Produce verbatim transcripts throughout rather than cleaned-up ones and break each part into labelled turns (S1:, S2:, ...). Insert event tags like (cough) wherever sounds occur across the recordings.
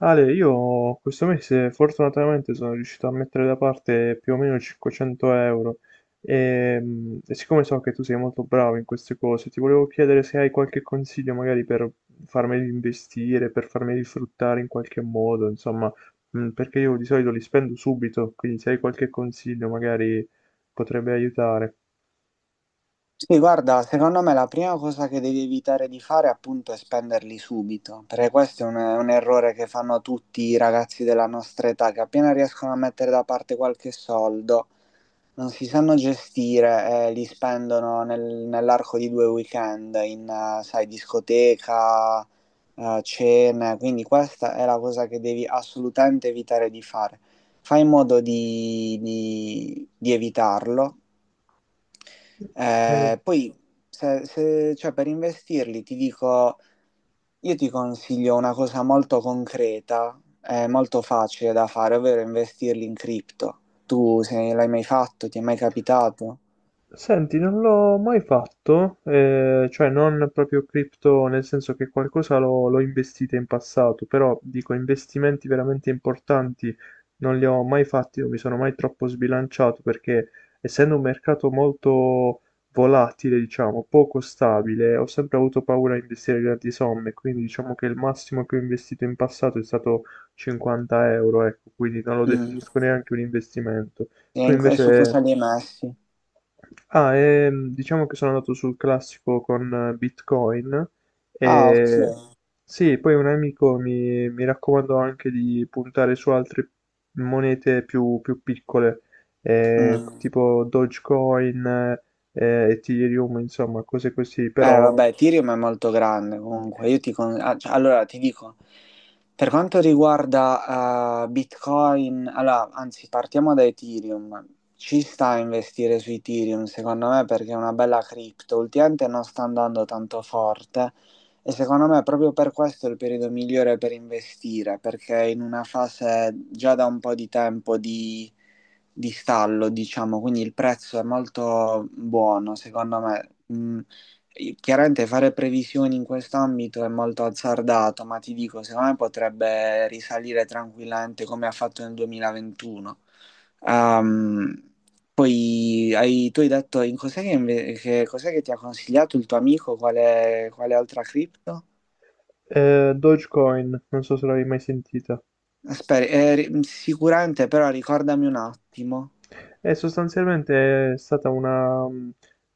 S1: Ale, io questo mese fortunatamente sono riuscito a mettere da parte più o meno cinquecento euro e, mm, e siccome so che tu sei molto bravo in queste cose, ti volevo chiedere se hai qualche consiglio magari per farmeli investire, per farmeli fruttare in qualche modo, insomma, mm, perché io di solito li spendo subito, quindi se hai qualche consiglio magari potrebbe aiutare.
S2: Sì, guarda, secondo me la prima cosa che devi evitare di fare appunto è spenderli subito, perché questo è un, è un errore che fanno tutti i ragazzi della nostra età, che appena riescono a mettere da parte qualche soldo, non si sanno gestire e li spendono nel- nell'arco di due weekend in, eh, sai, discoteca, eh, cene, quindi questa è la cosa che devi assolutamente evitare di fare. Fai in modo di di- di evitarlo.
S1: Eh,
S2: Eh, poi, se, se- cioè, per investirli, ti dico, io ti consiglio una cosa molto concreta, eh, molto facile da fare, ovvero investirli in cripto. Tu se l'hai mai fatto, ti è mai capitato?
S1: Senti, non l'ho mai fatto, eh, cioè non proprio cripto, nel senso che qualcosa l'ho l'ho investita in passato, però dico investimenti veramente importanti non li ho mai fatti, non mi sono mai troppo sbilanciato perché essendo un mercato molto volatile, diciamo, poco stabile, ho sempre avuto paura a investire grandi somme, quindi diciamo che il massimo che ho investito in passato è stato cinquanta euro, ecco, quindi non lo
S2: Mm.
S1: definisco neanche un investimento.
S2: E
S1: Tu
S2: in- e su cosa
S1: invece...
S2: li hai messi?
S1: Ah, ehm, diciamo che sono andato sul classico con eh, Bitcoin
S2: Ah, ok.
S1: e sì, poi un amico mi, mi raccomandò anche di puntare su altre monete più, più piccole, eh,
S2: Mm.
S1: tipo Dogecoin, eh, Ethereum, insomma, cose così,
S2: Eh,
S1: però
S2: vabbè, Ethereum è molto grande comunque. Io ti con- ah, cioè, allora ti dico, per quanto riguarda eh, Bitcoin, allora, anzi, partiamo da Ethereum. Ci sta a investire su Ethereum, secondo me, perché è una bella cripto. Ultimamente non sta andando tanto forte e secondo me proprio per questo è il periodo migliore per investire, perché è in una fase già da un po' di tempo di di stallo, diciamo, quindi il prezzo è molto buono, secondo me. Mm, Chiaramente fare previsioni in quest'ambito è molto azzardato, ma ti dico, secondo me potrebbe risalire tranquillamente come ha fatto nel duemilaventuno. Ehm, poi hai- tu hai detto in cos'è che, inve- che- cos'è che ti ha consigliato il tuo amico, quale, quale altra cripto?
S1: eh, Dogecoin, non so se l'avevi mai sentita.
S2: Aspetta, eh, ri- sicuramente però ricordami un attimo.
S1: E sostanzialmente è stata una mhmm,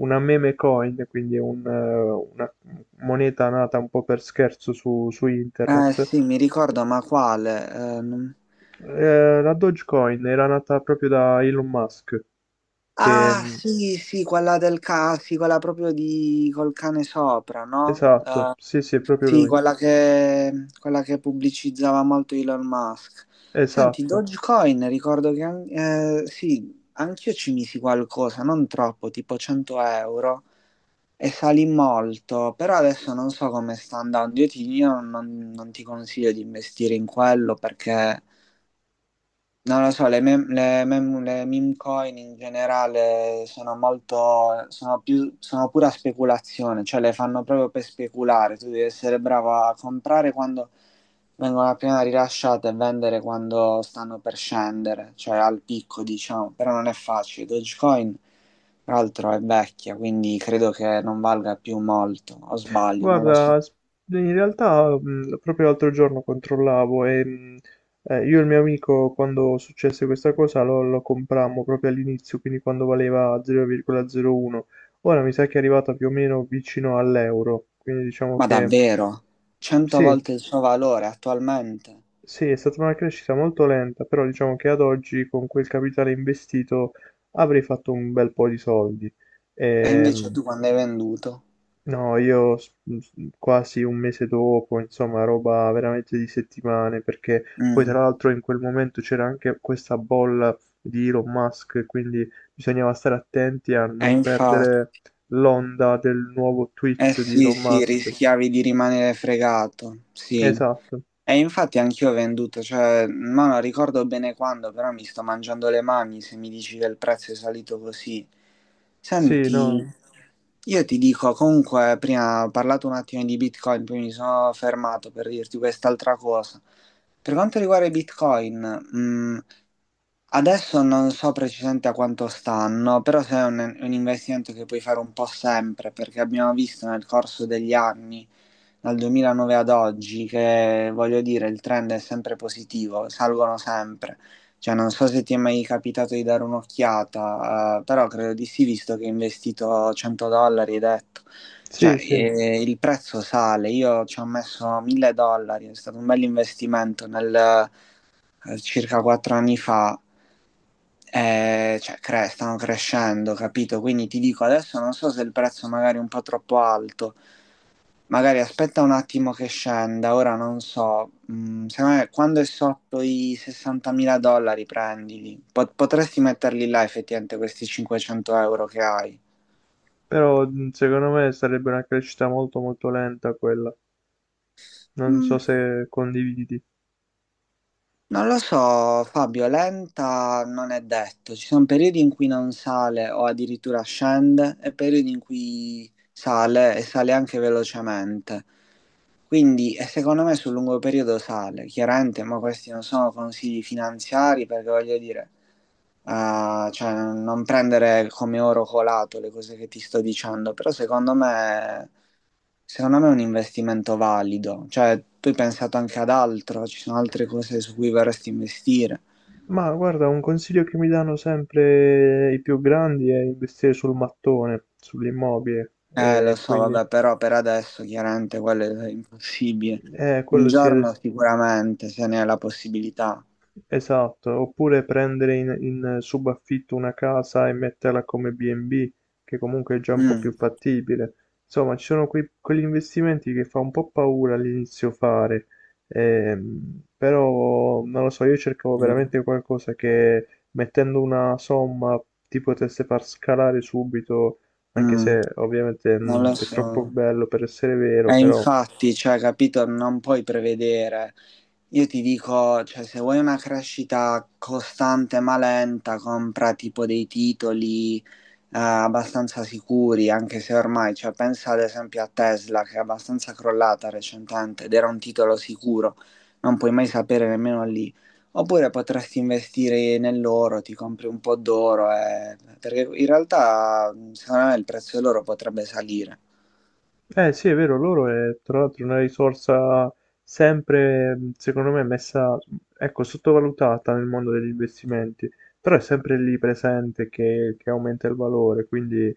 S1: una meme coin, quindi un eh, una moneta nata un po' per scherzo su su
S2: Eh
S1: internet.
S2: sì, mi ricordo, ma quale? Eh, non-
S1: Ehm, la Dogecoin era nata proprio da Elon Musk, che
S2: Ah
S1: mhmm,
S2: sì, sì, quella del ca, sì, quella proprio di col cane sopra, no?
S1: esatto, sì, sì, è proprio
S2: Sì,
S1: lui,
S2: quella che, quella che pubblicizzava molto Elon Musk. Senti,
S1: esatto.
S2: Dogecoin, ricordo che an- eh, sì, anch'io ci misi qualcosa, non troppo, tipo cento euro, e salì molto, però adesso non so come sta andando. Io, ti, io non, non ti consiglio di investire in quello perché non lo so, le mem- le mem- le meme coin in generale sono molto, sono più, sono pura speculazione, cioè le fanno proprio per speculare, tu devi essere bravo a comprare quando vengono appena rilasciate e vendere quando stanno per scendere, cioè al picco diciamo, però non è facile. Dogecoin, tra l'altro, è vecchia, quindi credo che non valga più molto, o sbaglio, non lo
S1: Guarda,
S2: so.
S1: s- in realtà mh, proprio l'altro giorno controllavo e mh, eh, io e il mio amico quando successe questa cosa lo, lo comprammo proprio all'inizio, quindi quando valeva zero virgola zero uno. Ora mi sa che è arrivata più o meno vicino all'euro, quindi diciamo
S2: Ma
S1: che
S2: davvero, cento
S1: sì,
S2: volte il suo valore attualmente,
S1: sì, è stata una crescita molto lenta, però diciamo che ad oggi con quel capitale investito avrei fatto un bel po' di soldi.
S2: e invece
S1: Ehm,
S2: tu quando hai venduto?
S1: No, io s- s- quasi un mese dopo, insomma, roba veramente di settimane, perché poi tra
S2: Mm.
S1: l'altro in quel momento c'era anche questa bolla di Elon Musk, quindi bisognava stare attenti a
S2: E
S1: non
S2: infatti,
S1: perdere l'onda del nuovo
S2: eh
S1: tweet di
S2: sì,
S1: Elon
S2: sì,
S1: Musk.
S2: rischiavi di rimanere fregato, sì.
S1: Esatto.
S2: E infatti anch'io ho venduto, cioè, ma non ricordo bene quando, però mi sto mangiando le mani se mi dici che il prezzo è salito così.
S1: Sì,
S2: Senti,
S1: no.
S2: io ti dico, comunque, prima ho parlato un attimo di Bitcoin, poi mi sono fermato per dirti quest'altra cosa. Per quanto riguarda i Bitcoin, mm, adesso non so precisamente a quanto stanno, però se è un, un investimento che puoi fare un po' sempre, perché abbiamo visto nel corso degli anni, dal duemilanove ad oggi, che voglio dire, il trend è sempre positivo, salgono sempre. Cioè, non so se ti è mai capitato di dare un'occhiata, eh, però credo di sì, visto che hai investito cento dollari, hai detto.
S1: Sì,
S2: Cioè,
S1: sì,
S2: eh, il prezzo sale, io ci ho messo mille dollari, è stato un bel investimento nel eh, circa quattro anni fa, eh, cioè, cre- stanno crescendo, capito? Quindi ti dico, adesso non so se il prezzo magari è un po' troppo alto, magari aspetta un attimo che scenda, ora non so. Mm, secondo me quando è sotto i sessantamila dollari prendili. Po- potresti metterli là effettivamente questi cinquecento euro che hai.
S1: però mh, secondo me sarebbe una crescita molto molto lenta quella. Non so
S2: Mm.
S1: se condividi.
S2: Non lo so, Fabio, lenta non è detto. Ci sono periodi in cui non sale o addirittura scende e periodi in cui sale e sale anche velocemente. Quindi, e secondo me sul lungo periodo sale, chiaramente, ma questi non sono consigli finanziari perché voglio dire, eh, cioè, non prendere come oro colato le cose che ti sto dicendo, però secondo me Secondo me è un investimento valido, cioè tu hai pensato anche ad altro, ci sono altre cose su cui vorresti investire.
S1: Ma guarda, un consiglio che mi danno sempre i più grandi è investire sul mattone, sull'immobile,
S2: Eh, lo
S1: e
S2: so,
S1: quindi
S2: vabbè, però per adesso chiaramente quello è impossibile.
S1: eh,
S2: Un
S1: quello sì.
S2: giorno sicuramente, se ne è la possibilità.
S1: Esatto, oppure prendere in, in subaffitto una casa e metterla come B and B, che comunque è già un po' più
S2: Mm,
S1: fattibile. Insomma, ci sono quei- quegli investimenti che fa un po' paura all'inizio fare, ehm, però non lo so, io cercavo
S2: mm,
S1: veramente qualcosa che mettendo una somma ti potesse far scalare subito, anche
S2: mm,
S1: se ovviamente
S2: Non
S1: mh,
S2: lo
S1: è troppo
S2: so.
S1: bello per essere vero,
S2: E
S1: però
S2: infatti, cioè, capito, non puoi prevedere. Io ti dico, cioè, se vuoi una crescita costante ma lenta, compra tipo dei titoli eh, abbastanza sicuri, anche se ormai, cioè, pensa ad esempio a Tesla che è abbastanza crollata recentemente ed era un titolo sicuro, non puoi mai sapere nemmeno lì. Oppure potresti investire nell'oro, ti compri un po' d'oro, eh, perché in realtà secondo me il prezzo dell'oro potrebbe salire.
S1: eh sì, è vero, loro è tra l'altro una risorsa sempre, mh, secondo me, messa, ecco, sottovalutata nel mondo degli investimenti, però è sempre lì presente che, che aumenta il valore, quindi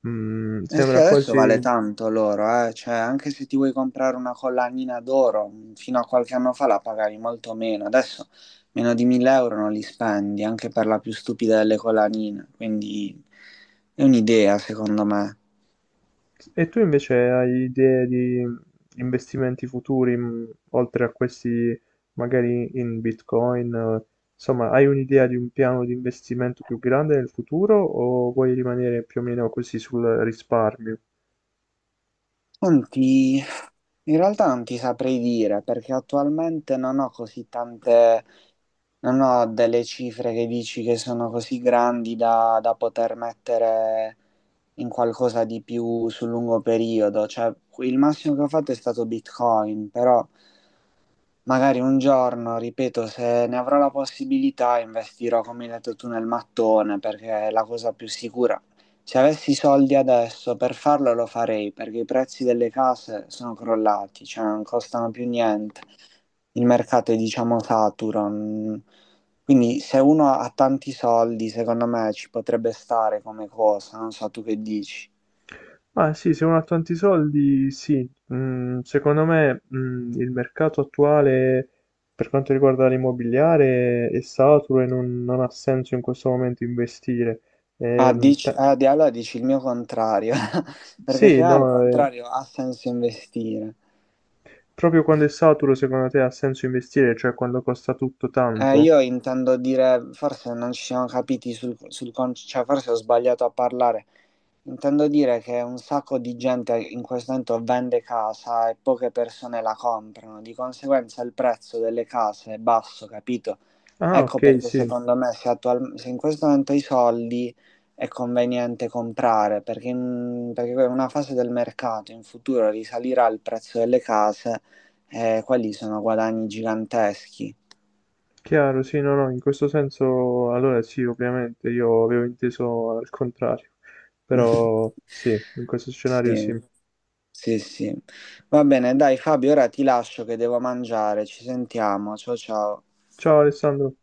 S1: mh,
S2: Eh sì,
S1: sembra
S2: adesso vale
S1: quasi...
S2: tanto l'oro, eh. Cioè, anche se ti vuoi comprare una collanina d'oro, mh, fino a qualche anno fa la pagavi molto meno, adesso meno di mille euro non li spendi, anche per la più stupida delle collanine, quindi è un'idea secondo me.
S1: E tu invece hai idee di investimenti futuri, mh, oltre a questi magari in Bitcoin, eh, insomma, hai un'idea di un piano di investimento più grande nel futuro o vuoi rimanere più o meno così sul risparmio?
S2: Senti, in realtà non ti saprei dire perché attualmente non ho così tante, non ho delle cifre che dici che sono così grandi da, da poter mettere in qualcosa di più sul lungo periodo. Cioè, il massimo che ho fatto è stato Bitcoin, però. Magari un giorno, ripeto, se ne avrò la possibilità, investirò, come hai detto tu, nel mattone, perché è la cosa più sicura. Se avessi i soldi adesso per farlo lo farei, perché i prezzi delle case sono crollati, cioè non costano più niente. Il mercato è, diciamo, saturo. Mm. Quindi se uno ha tanti soldi, secondo me ci potrebbe stare come cosa, non so tu che dici.
S1: Ma sì, se uno ha tanti soldi, sì. Mm, secondo me, mm, il mercato attuale per quanto riguarda l'immobiliare è saturo e non, non ha senso in questo momento investire.
S2: Ah,
S1: Ehm,
S2: dici,
S1: te-
S2: ah, di- allora dici il mio contrario,
S1: s-
S2: (laughs) perché se
S1: sì,
S2: no al
S1: no, eh,
S2: contrario ha senso investire.
S1: proprio quando è saturo, secondo te ha senso investire, cioè quando costa tutto
S2: Eh,
S1: tanto?
S2: io intendo dire, forse non ci siamo capiti sul, sul con- cioè forse ho sbagliato a parlare. Intendo dire che un sacco di gente in questo momento vende casa e poche persone la comprano, di conseguenza il prezzo delle case è basso, capito?
S1: Ah,
S2: Ecco
S1: ok,
S2: perché
S1: sì,
S2: secondo me se, attual- se in questo momento hai soldi è conveniente comprare, perché in, perché in una fase del mercato in futuro risalirà il prezzo delle case e quelli sono guadagni giganteschi.
S1: chiaro, sì, no, no, in questo senso, allora sì, ovviamente, io avevo inteso al contrario,
S2: (laughs)
S1: però sì, in questo scenario
S2: Sì,
S1: sì.
S2: sì, sì. Va bene, dai Fabio, ora ti lascio che devo mangiare. Ci sentiamo. Ciao ciao.
S1: Ciao Alessandro.